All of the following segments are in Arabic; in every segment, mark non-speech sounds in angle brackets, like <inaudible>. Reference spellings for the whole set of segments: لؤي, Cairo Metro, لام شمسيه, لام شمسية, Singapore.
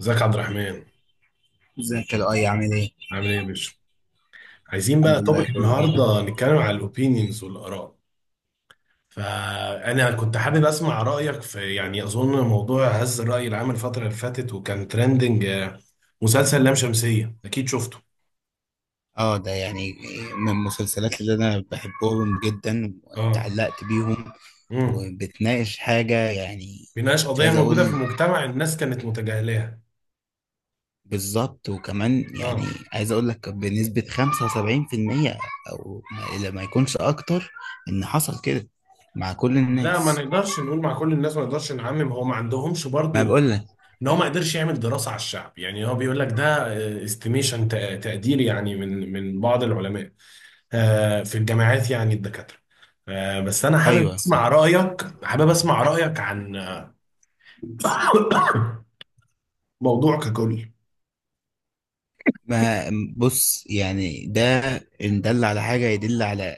ازيك يا عبد الرحمن؟ ازيك يا لؤي؟ عامل ايه؟ عامل ايه يا باشا؟ عايزين الحمد بقى لله، توبيك كله تمام. النهارده نتكلم على الاوبينيونز والاراء. فانا كنت حابب اسمع رايك في يعني اظن موضوع هز الراي العام الفتره اللي فاتت وكان ترندنج، مسلسل لام شمسيه اكيد شفته. اه، ده يعني من المسلسلات اللي انا بحبهم جدا اه. واتعلقت بيهم. امم. وبتناقش حاجة يعني. بيناقش مش قضيه عايز اقول موجوده في المجتمع، الناس كانت متجاهلاها. بالظبط، وكمان يعني اه. عايز اقول لك بنسبة 75%، او ما إلا ما يكونش اكتر، ان حصل كده مع كل لا، الناس. ما نقدرش نقول مع كل الناس، ما نقدرش نعمم، هو ما عندهمش ما برضو. بقول لك. ان هو ما قدرش يعمل دراسه على الشعب، يعني هو بيقول لك ده استيميشن، تقدير، يعني من بعض العلماء، في الجامعات، يعني الدكاترة. بس أنا حابب ايوه أسمع صح. رأيك، عن <coughs> موضوع ككل. ما بص يعني، ده ان دل على حاجة يدل على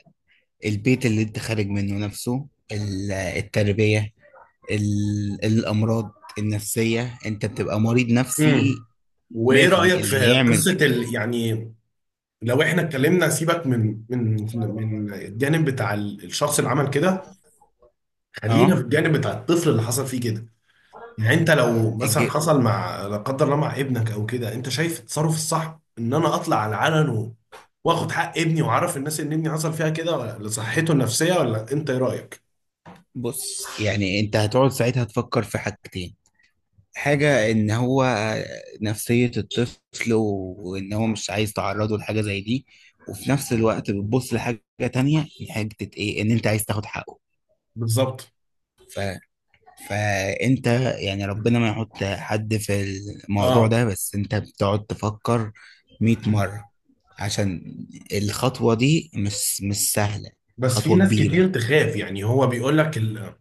البيت اللي انت خارج منه نفسه. التربية، الأمراض النفسية. انت بتبقى مريض نفسي امم. وإيه 100%. رأيك اللي في يعمل، قصة يعني لو إحنا اتكلمنا، سيبك من الجانب بتاع الشخص اللي عمل كده، خلينا اه، في الجانب بتاع الطفل اللي حصل فيه كده. يعني انت لو مثلا الج... حصل، مع لا قدر الله، مع ابنك او كده، انت شايف التصرف الصح ان انا اطلع على العلن واخد حق ابني واعرف الناس ان ابني حصل فيها كده، ولا لصحته النفسيه، ولا انت ايه رايك؟ بص يعني، انت هتقعد ساعتها تفكر في حاجتين. حاجة ان هو نفسية الطفل وان هو مش عايز تعرضه لحاجة زي دي، وفي نفس الوقت بتبص لحاجة تانية، حاجة ايه؟ ان انت عايز تاخد حقه. بالظبط. فانت يعني ربنا ما يحط حد في الموضوع اه. ده، بس انت بتقعد تفكر 100 مرة، عشان الخطوة دي مش سهلة. بس في خطوة ناس كبيرة. كتير تخاف، يعني هو بيقول لك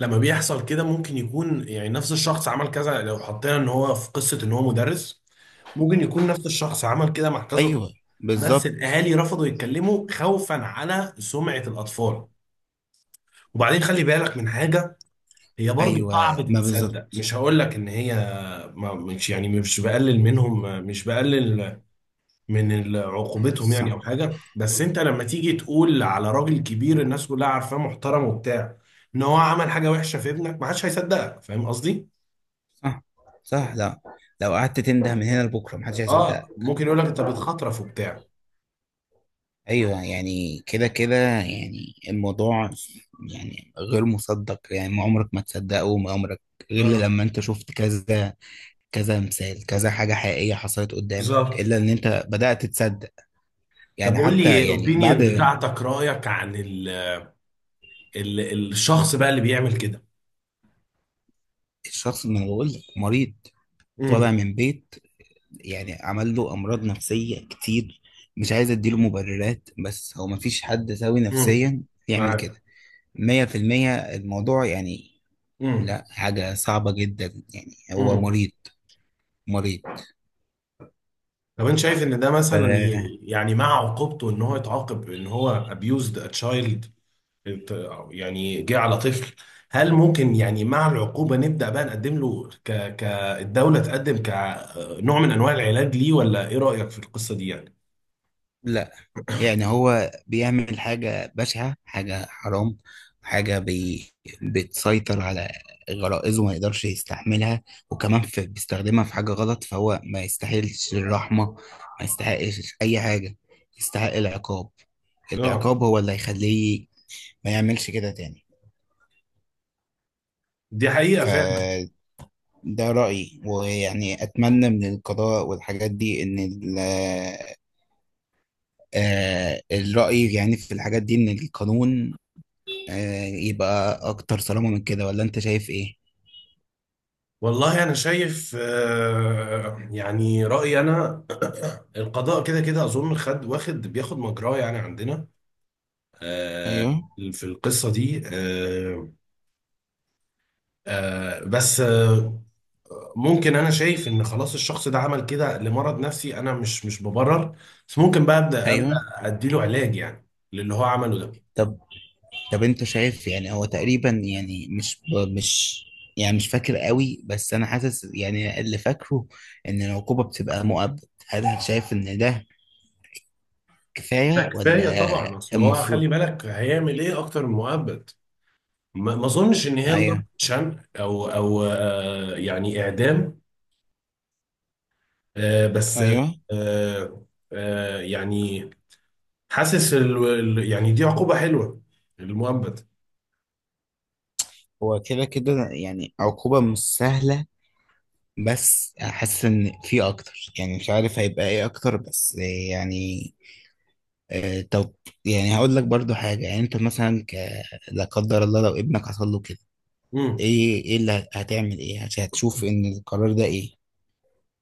لما بيحصل كده ممكن يكون يعني نفس الشخص عمل كذا. لو حطينا ان هو في قصه ان هو مدرس، ممكن يكون نفس الشخص عمل كده مع كذا طفل، ايوه بس بالظبط. الاهالي رفضوا يتكلموا خوفا على سمعه الاطفال. وبعدين خلي بالك من حاجة، هي برضو ايوه صعب ما تتصدق. بالظبط. مش هقول لك ان هي، ما مش يعني، مش بقلل منهم، مش بقلل من عقوبتهم، يعني او صح، حاجة. بس انت لما تيجي تقول على راجل كبير، الناس كلها عارفاه محترم وبتاع، ان هو عمل حاجة وحشة في ابنك، ما حدش هيصدقك. فاهم قصدي؟ صح، صح. لا، لو قعدت تنده من هنا لبكرة محدش هيصدقك. اه، ممكن يقول لك انت بتخطرف وبتاع. ايوه، يعني كده كده يعني الموضوع، يعني غير مصدق. يعني ما عمرك ما تصدقه، وما عمرك، غير اه. لما انت شفت كذا، كذا مثال، كذا حاجة حقيقية حصلت قدامك، بالظبط. إلا إن أنت بدأت تصدق. طب يعني قول حتى لي يعني بعد اوبينيون بتاعتك، رأيك عن ال ال الشخص بقى اللي بيعمل كده. الشخص، ما أنا بقول لك مريض، طالع امم. من بيت يعني عمل له أمراض نفسية كتير. مش عايز أديله مبررات، بس هو مفيش حد سوي امم. نفسيا يعمل كده. معاك. مية في المية الموضوع يعني، امم. لا، حاجة صعبة جدا. يعني هو امم. مريض، مريض. طب انت شايف ان ده مثلا فلا، يعني مع عقوبته، ان هو اتعاقب، ان هو abused a child، أو يعني جه على طفل، هل ممكن يعني مع العقوبة نبدأ بقى نقدم له كالدولة، تقدم كنوع من انواع العلاج ليه؟ ولا ايه رأيك في القصة دي يعني؟ يعني هو بيعمل حاجة بشعة، حاجة حرام، حاجة بي... بتسيطر على غرائزه، ما يقدرش يستحملها، وكمان بيستخدمها في حاجة غلط. فهو ما يستاهلش الرحمة، ما يستحقش أي حاجة. يستحق العقاب. اه، العقاب هو اللي هيخليه ما يعملش كده تاني. دي حقيقة فعلا. فده رأيي، ويعني أتمنى من القضاء والحاجات دي الرأي يعني في الحاجات دي، إن القانون يبقى اكتر صرامة من كده، ولا انت شايف ايه؟ والله أنا شايف، يعني رأيي أنا، القضاء كده كده أظن خد واخد بياخد مجراه يعني عندنا آه، ايوه، في القصة دي. آه بس آه ممكن، انا شايف ان خلاص الشخص ده عمل كده لمرض نفسي، انا مش ببرر، بس ممكن بقى ابدا ابدا ايوه. اديله علاج يعني، للي هو عمله ده. طب، طب انت شايف يعني هو تقريبا، يعني مش يعني مش فاكر قوي، بس انا حاسس يعني اللي فاكره ان العقوبة بتبقى مؤبد. هل انت شايف ان ده ده كفاية كفايه ولا طبعا، اصل هو خلي المفروض؟ بالك هيعمل ايه اكتر من مؤبد؟ ما اظنش ان هي لدرجه ايوه، شنق، او، يعني اعدام. آه بس ايوه. آه يعني حاسس يعني دي عقوبه حلوه، المؤبد. هو كده كده يعني عقوبة مش سهلة، بس حاسس ان في اكتر. يعني مش عارف هيبقى ايه اكتر، بس يعني طب يعني هقول لك برضو حاجة. يعني انت مثلا لا قدر الله، لو ابنك حصل له كده، ايه اللي هتعمل؟ ايه عشان هتشوف ان القرار ده ايه؟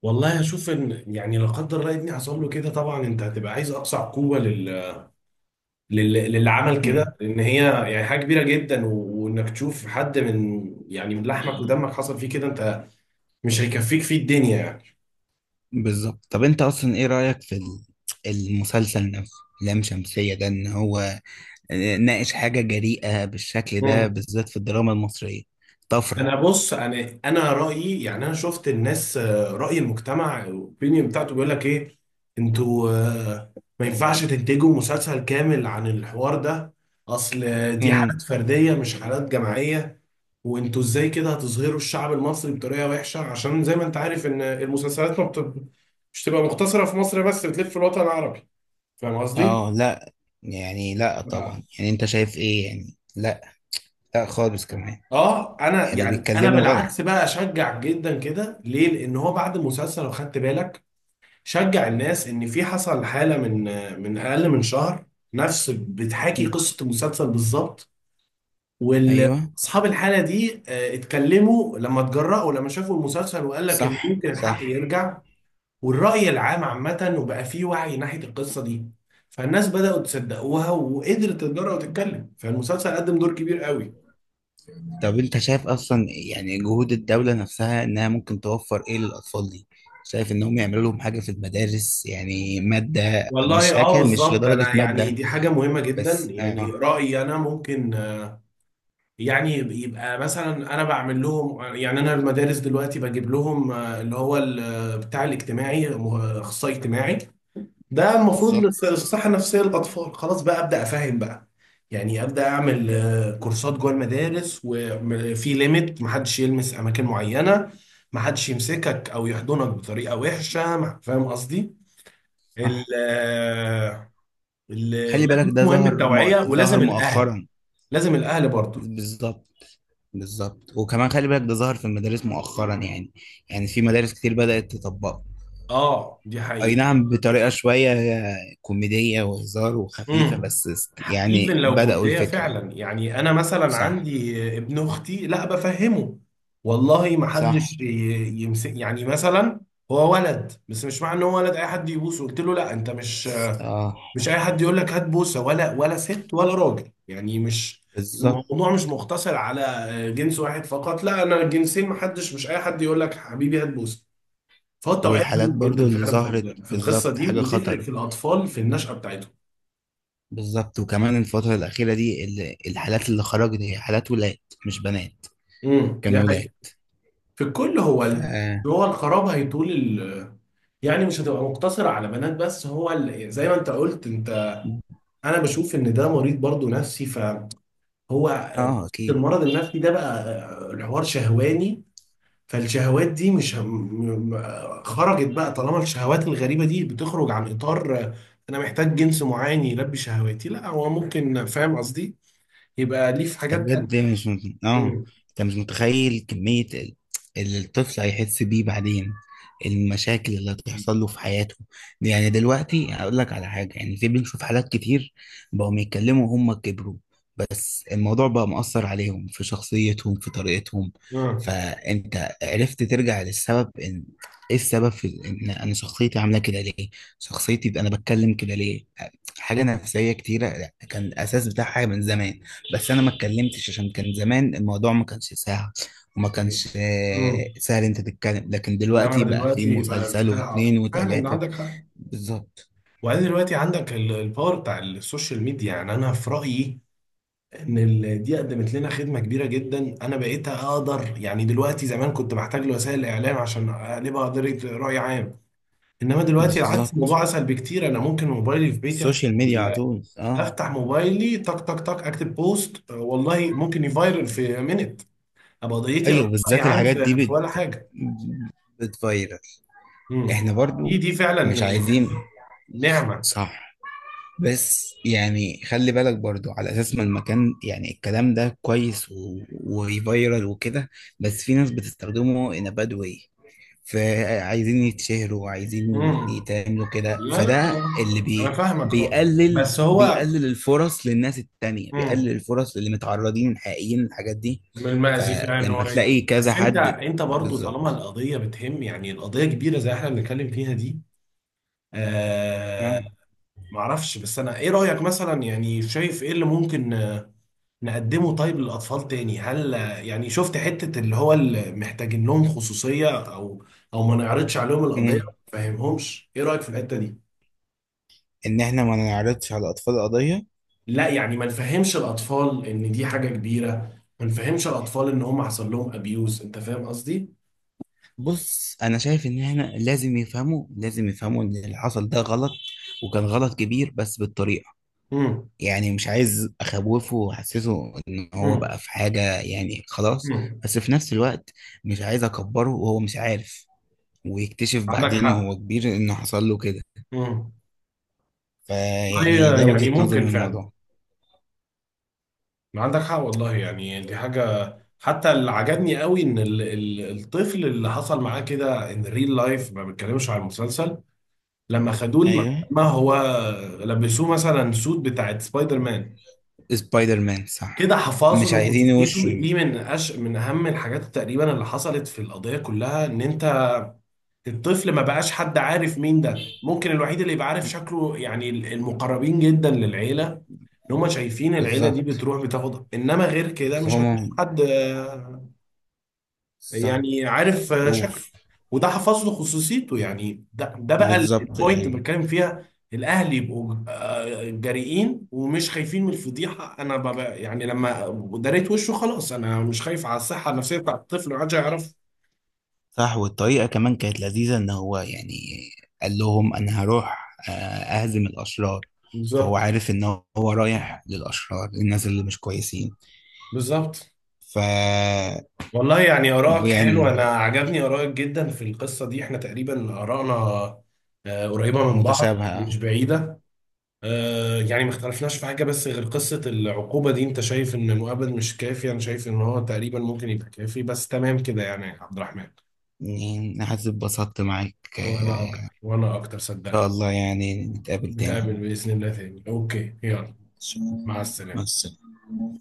والله اشوف ان يعني لا قدر الله ابني حصل له كده، طبعا انت هتبقى عايز اقصى عقوبه للعمل مم. كده، لان هي يعني حاجه كبيره جدا، وانك تشوف حد من، يعني من لحمك ودمك، حصل فيه كده، انت مش هيكفيك فيه الدنيا يعني. بالظبط. طب انت اصلا ايه رأيك في المسلسل نفسه؟ لام شمسية ده، ان هو ناقش حاجة جريئة بالشكل ده، امم. بالذات في الدراما المصرية. طفرة. انا بص، انا رايي يعني، انا شفت الناس، راي المجتمع الاوبينيون بتاعته بيقول لك ايه، انتوا، ما ينفعش تنتجوا مسلسل كامل عن الحوار ده. اصل دي مم. حالات فرديه، مش حالات جماعيه. وانتوا ازاي كده هتصغروا الشعب المصري بطريقه وحشه؟ عشان زي ما انت عارف ان المسلسلات ما بت... مش تبقى مقتصره في مصر بس، بتلف في الوطن العربي. فاهم قصدي؟ اه لا، يعني لا اه. طبعا. يعني انت شايف ايه؟ يعني لا، لا خالص كمان. انا يعني يعني انا بيتكلموا غلط. بالعكس بقى، اشجع جدا كده. ليه؟ لان هو بعد المسلسل لو خدت بالك شجع الناس. ان في حصل حاله من اقل من شهر، نفس بتحاكي مم. قصه المسلسل بالظبط. وال ايوه اصحاب الحاله دي، اتكلموا لما اتجرأوا، لما شافوا المسلسل، وقال لك ان صح، ممكن الحق صح. يرجع. والرأي العام عامة، وبقى فيه وعي ناحية القصة دي، فالناس بدأوا تصدقوها، وقدرت تتجرأ وتتكلم، فالمسلسل قدم دور كبير قوي. طب انت شايف اصلا يعني جهود الدولة نفسها انها ممكن توفر ايه للاطفال دي؟ شايف انهم يعملوا لهم حاجة في المدارس يعني مادة، مش والله اه، حاجة مش بالظبط، لدرجة انا يعني مادة دي حاجة مهمة جدا، بس، اه يعني رأيي انا ممكن، يعني يبقى مثلا انا بعمل لهم يعني، انا المدارس دلوقتي بجيب لهم، اللي هو بتاع الاجتماعي، اخصائي اجتماعي، ده المفروض بالظبط. للصحة النفسية للأطفال. خلاص بقى أبدأ أفهم بقى، يعني أبدأ أعمل كورسات جوه المدارس، وفي ليميت، محدش يلمس أماكن معينة، محدش يمسكك أو يحضنك بطريقة وحشة، فاهم قصدي؟ ال صح. آه، ال- خلي بالك لازم، ده مهم ظهر التوعية، ظهر ولازم الأهل، مؤخرا. لازم الأهل برضه. بالظبط، بالظبط. وكمان خلي بالك ده ظهر في المدارس مؤخرا يعني. يعني في مدارس كتير بدأت تطبقه. آه، دي اي حقيقة. نعم، بطريقة شوية كوميدية وهزار وخفيفة، امم. بس ايفن يعني لو بدأوا كوميديه الفكرة. فعلا، يعني انا مثلا صح، عندي ابن اختي، لا بفهمه والله. ما حدش صح. يمسك، يعني مثلا هو ولد، بس مش معنى ان هو ولد اي حد يبوسه. قلت له لا، انت مش، اه مش اي حد يقول لك هات بوسه، ولا ست ولا راجل، يعني مش بالظبط. الموضوع مش مقتصر على جنس واحد فقط. لا، انا الجنسين، ما حدش، مش اي حد يقول لك حبيبي هات بوسه. فالتوعيه والحالات مهمه جدا برضو اللي فعلا في ظهرت في القصه بالظبط، دي، حاجة وتفرق خطر. في الاطفال في النشأة بتاعتهم. بالظبط، وكمان الفترة الأخيرة دي الحالات اللي خرجت هي حالات ولاد، مش بنات. امم، دي كانوا حقيقة. ولاد. في الكل هو ف هو الخراب هيطول يعني مش هتبقى مقتصرة على بنات بس. هو زي ما انت قلت، انت انا بشوف ان ده مريض برضو نفسي، فهو قصة اه اكيد. المرض النفسي ده بقى، الحوار شهواني. فالشهوات دي مش خرجت بقى. طالما الشهوات الغريبة دي بتخرج عن اطار انا محتاج جنس معين يلبي شهواتي، لا، هو ممكن، فاهم قصدي، يبقى ليه في ده حاجات تانية. بجد مش اه، امم. انت مش متخيل كمية اللي الطفل هيحس بيه بعدين، المشاكل اللي هتحصل له في حياته دي. يعني دلوقتي هقول لك على حاجة، يعني في بنشوف حالات كتير بقوا بيتكلموا وهم كبروا، بس الموضوع بقى مؤثر عليهم في شخصيتهم، في طريقتهم. اه، فانت عرفت ترجع للسبب، ان ايه السبب في ان انا شخصيتي عامله كده ليه، شخصيتي، يبقى انا بتكلم كده ليه؟ حاجه نفسيه كتيره، لا، كان الاساس بتاعها حاجه من زمان، بس انا ما اتكلمتش عشان كان زمان الموضوع ما كانش سهل، وما يعني. كانش امم. سهل انت تتكلم. لكن انما انا دلوقتي بقى في دلوقتي بقى مسلسل انفتاح اكتر واتنين فعلا، إن وتلاته. عندك حق. بالظبط، وبعدين دلوقتي عندك الباور بتاع السوشيال ميديا، يعني انا في رايي ان دي قدمت لنا خدمه كبيره جدا. انا بقيت اقدر يعني دلوقتي، زمان كنت بحتاج لوسائل الاعلام عشان اقلبها قضيه راي عام، انما دلوقتي العكس، بالظبط. الموضوع اسهل بكتير. انا ممكن موبايلي في بيتي السوشيال ميديا على ال- طول، اه. افتح موبايلي، تك تك تك، اكتب بوست، والله ممكن يفايرل في مينت، ابقى قضيتي ايوه، قضيه راي بالذات عام الحاجات دي في ولا بت... حاجه. بتفيرل. امم. احنا دي برضو دي مش فعلا، عايزين. يعني نعمة. صح. بس يعني خلي بالك برضو، على اساس ما المكان، يعني الكلام ده كويس وفيرال وكده، بس في ناس بتستخدمه in a bad way. فعايزين يتشهروا، وعايزين امم. يتعملوا كده، لا لا فده لا، اللي انا فاهمك اه. بيقلل بس هو. بيقلل الفرص للناس التانية، بيقلل امم. الفرص للي متعرضين حقيقيين للحاجات دي. من المأزي فعلا ان هو، فلما تلاقي يعني، كذا بس انت حد، انت برضو طالما بالظبط. القضيه بتهم، يعني القضيه كبيره زي احنا بنتكلم فيها دي. آه. آه. معرفش، بس انا ايه رايك مثلا، يعني شايف ايه اللي ممكن نقدمه طيب للاطفال تاني؟ هل يعني شفت حته اللي هو اللي محتاجين لهم خصوصيه، او، او ما نعرضش عليهم القضيه، مم. ما نفهمهمش؟ ايه رايك في الحته دي؟ ان احنا ما نعرضش على اطفال قضية؟ لا، يعني ما نفهمش الاطفال ان دي حاجه كبيره، ما نفهمش الاطفال ان هم حصل لهم ابيوز، انت فاهم قصدي؟ بص، انا شايف ان احنا لازم يفهموا، لازم يفهموا ان اللي حصل ده غلط، وكان غلط كبير، بس بالطريقه. امم. يعني مش عايز اخوفه واحسسه ان هو امم. بقى في حاجه، يعني خلاص. امم. بس في نفس الوقت مش عايز اكبره وهو مش عارف، ويكتشف عندك بعدين وهو حق. كبير انه حصل له كده. امم. فيعني هي ده يعني وجهه نظري ممكن من فعلا، الموضوع. عندك حق والله، يعني دي حاجه. حتى اللي عجبني قوي ان ال ال الطفل اللي حصل معاه كده، ان ريل لايف ما بتكلمش عن المسلسل، لما خدوه ايوه، المحكمه هو لبسوه مثلا سوت بتاعت سبايدر مان، سبايدر مان، صح. كده حفاظه مش عايزين لخصوصيته. وشه. دي من من اهم الحاجات تقريبا اللي حصلت في القضيه كلها. ان انت الطفل ما بقاش حد عارف مين ده، ممكن الوحيد اللي يبقى عارف شكله يعني المقربين جدا للعيله، ان هم شايفين العيله دي بالظبط. بتروح بتاخد، انما غير كده بس مش هتلاقي هما، حد صح. يعني عارف، شكله، اوف. وده حفظ له خصوصيته. يعني ده بقى بالظبط البوينت اللي يعني. بتكلم فيها، الاهلي يبقوا جريئين ومش خايفين من الفضيحه. انا ببقى يعني لما دريت وشه خلاص، انا مش خايف على الصحه النفسيه بتاعت الطفل، محدش هيعرف. صح. والطريقة كمان كانت لذيذة، إن هو يعني قال لهم أنا هروح أهزم الأشرار. فهو بالظبط. عارف إن هو رايح للأشرار، للناس اللي مش كويسين. بالظبط. ف والله يعني آرائك حلوة، أنا يعني عجبني آرائك جدا في القصة دي. إحنا تقريبا آرائنا، قريبة من بعض، مش متشابهة. بعيدة. يعني ما اختلفناش في حاجة، بس غير قصة العقوبة دي. انت شايف ان مؤبد مش كافي، انا شايف ان هو تقريبا ممكن يبقى كافي، بس تمام كده يعني يا عبد الرحمن. يعني أنا حاسس اتبسطت معاك. وانا اكتر، وانا اكتر، إن شاء صدقني. الله يعني نتقابل نتقابل تاني. بإذن الله تاني. اوكي، يلا، إن شاء مع الله. مع السلامة. السلامة.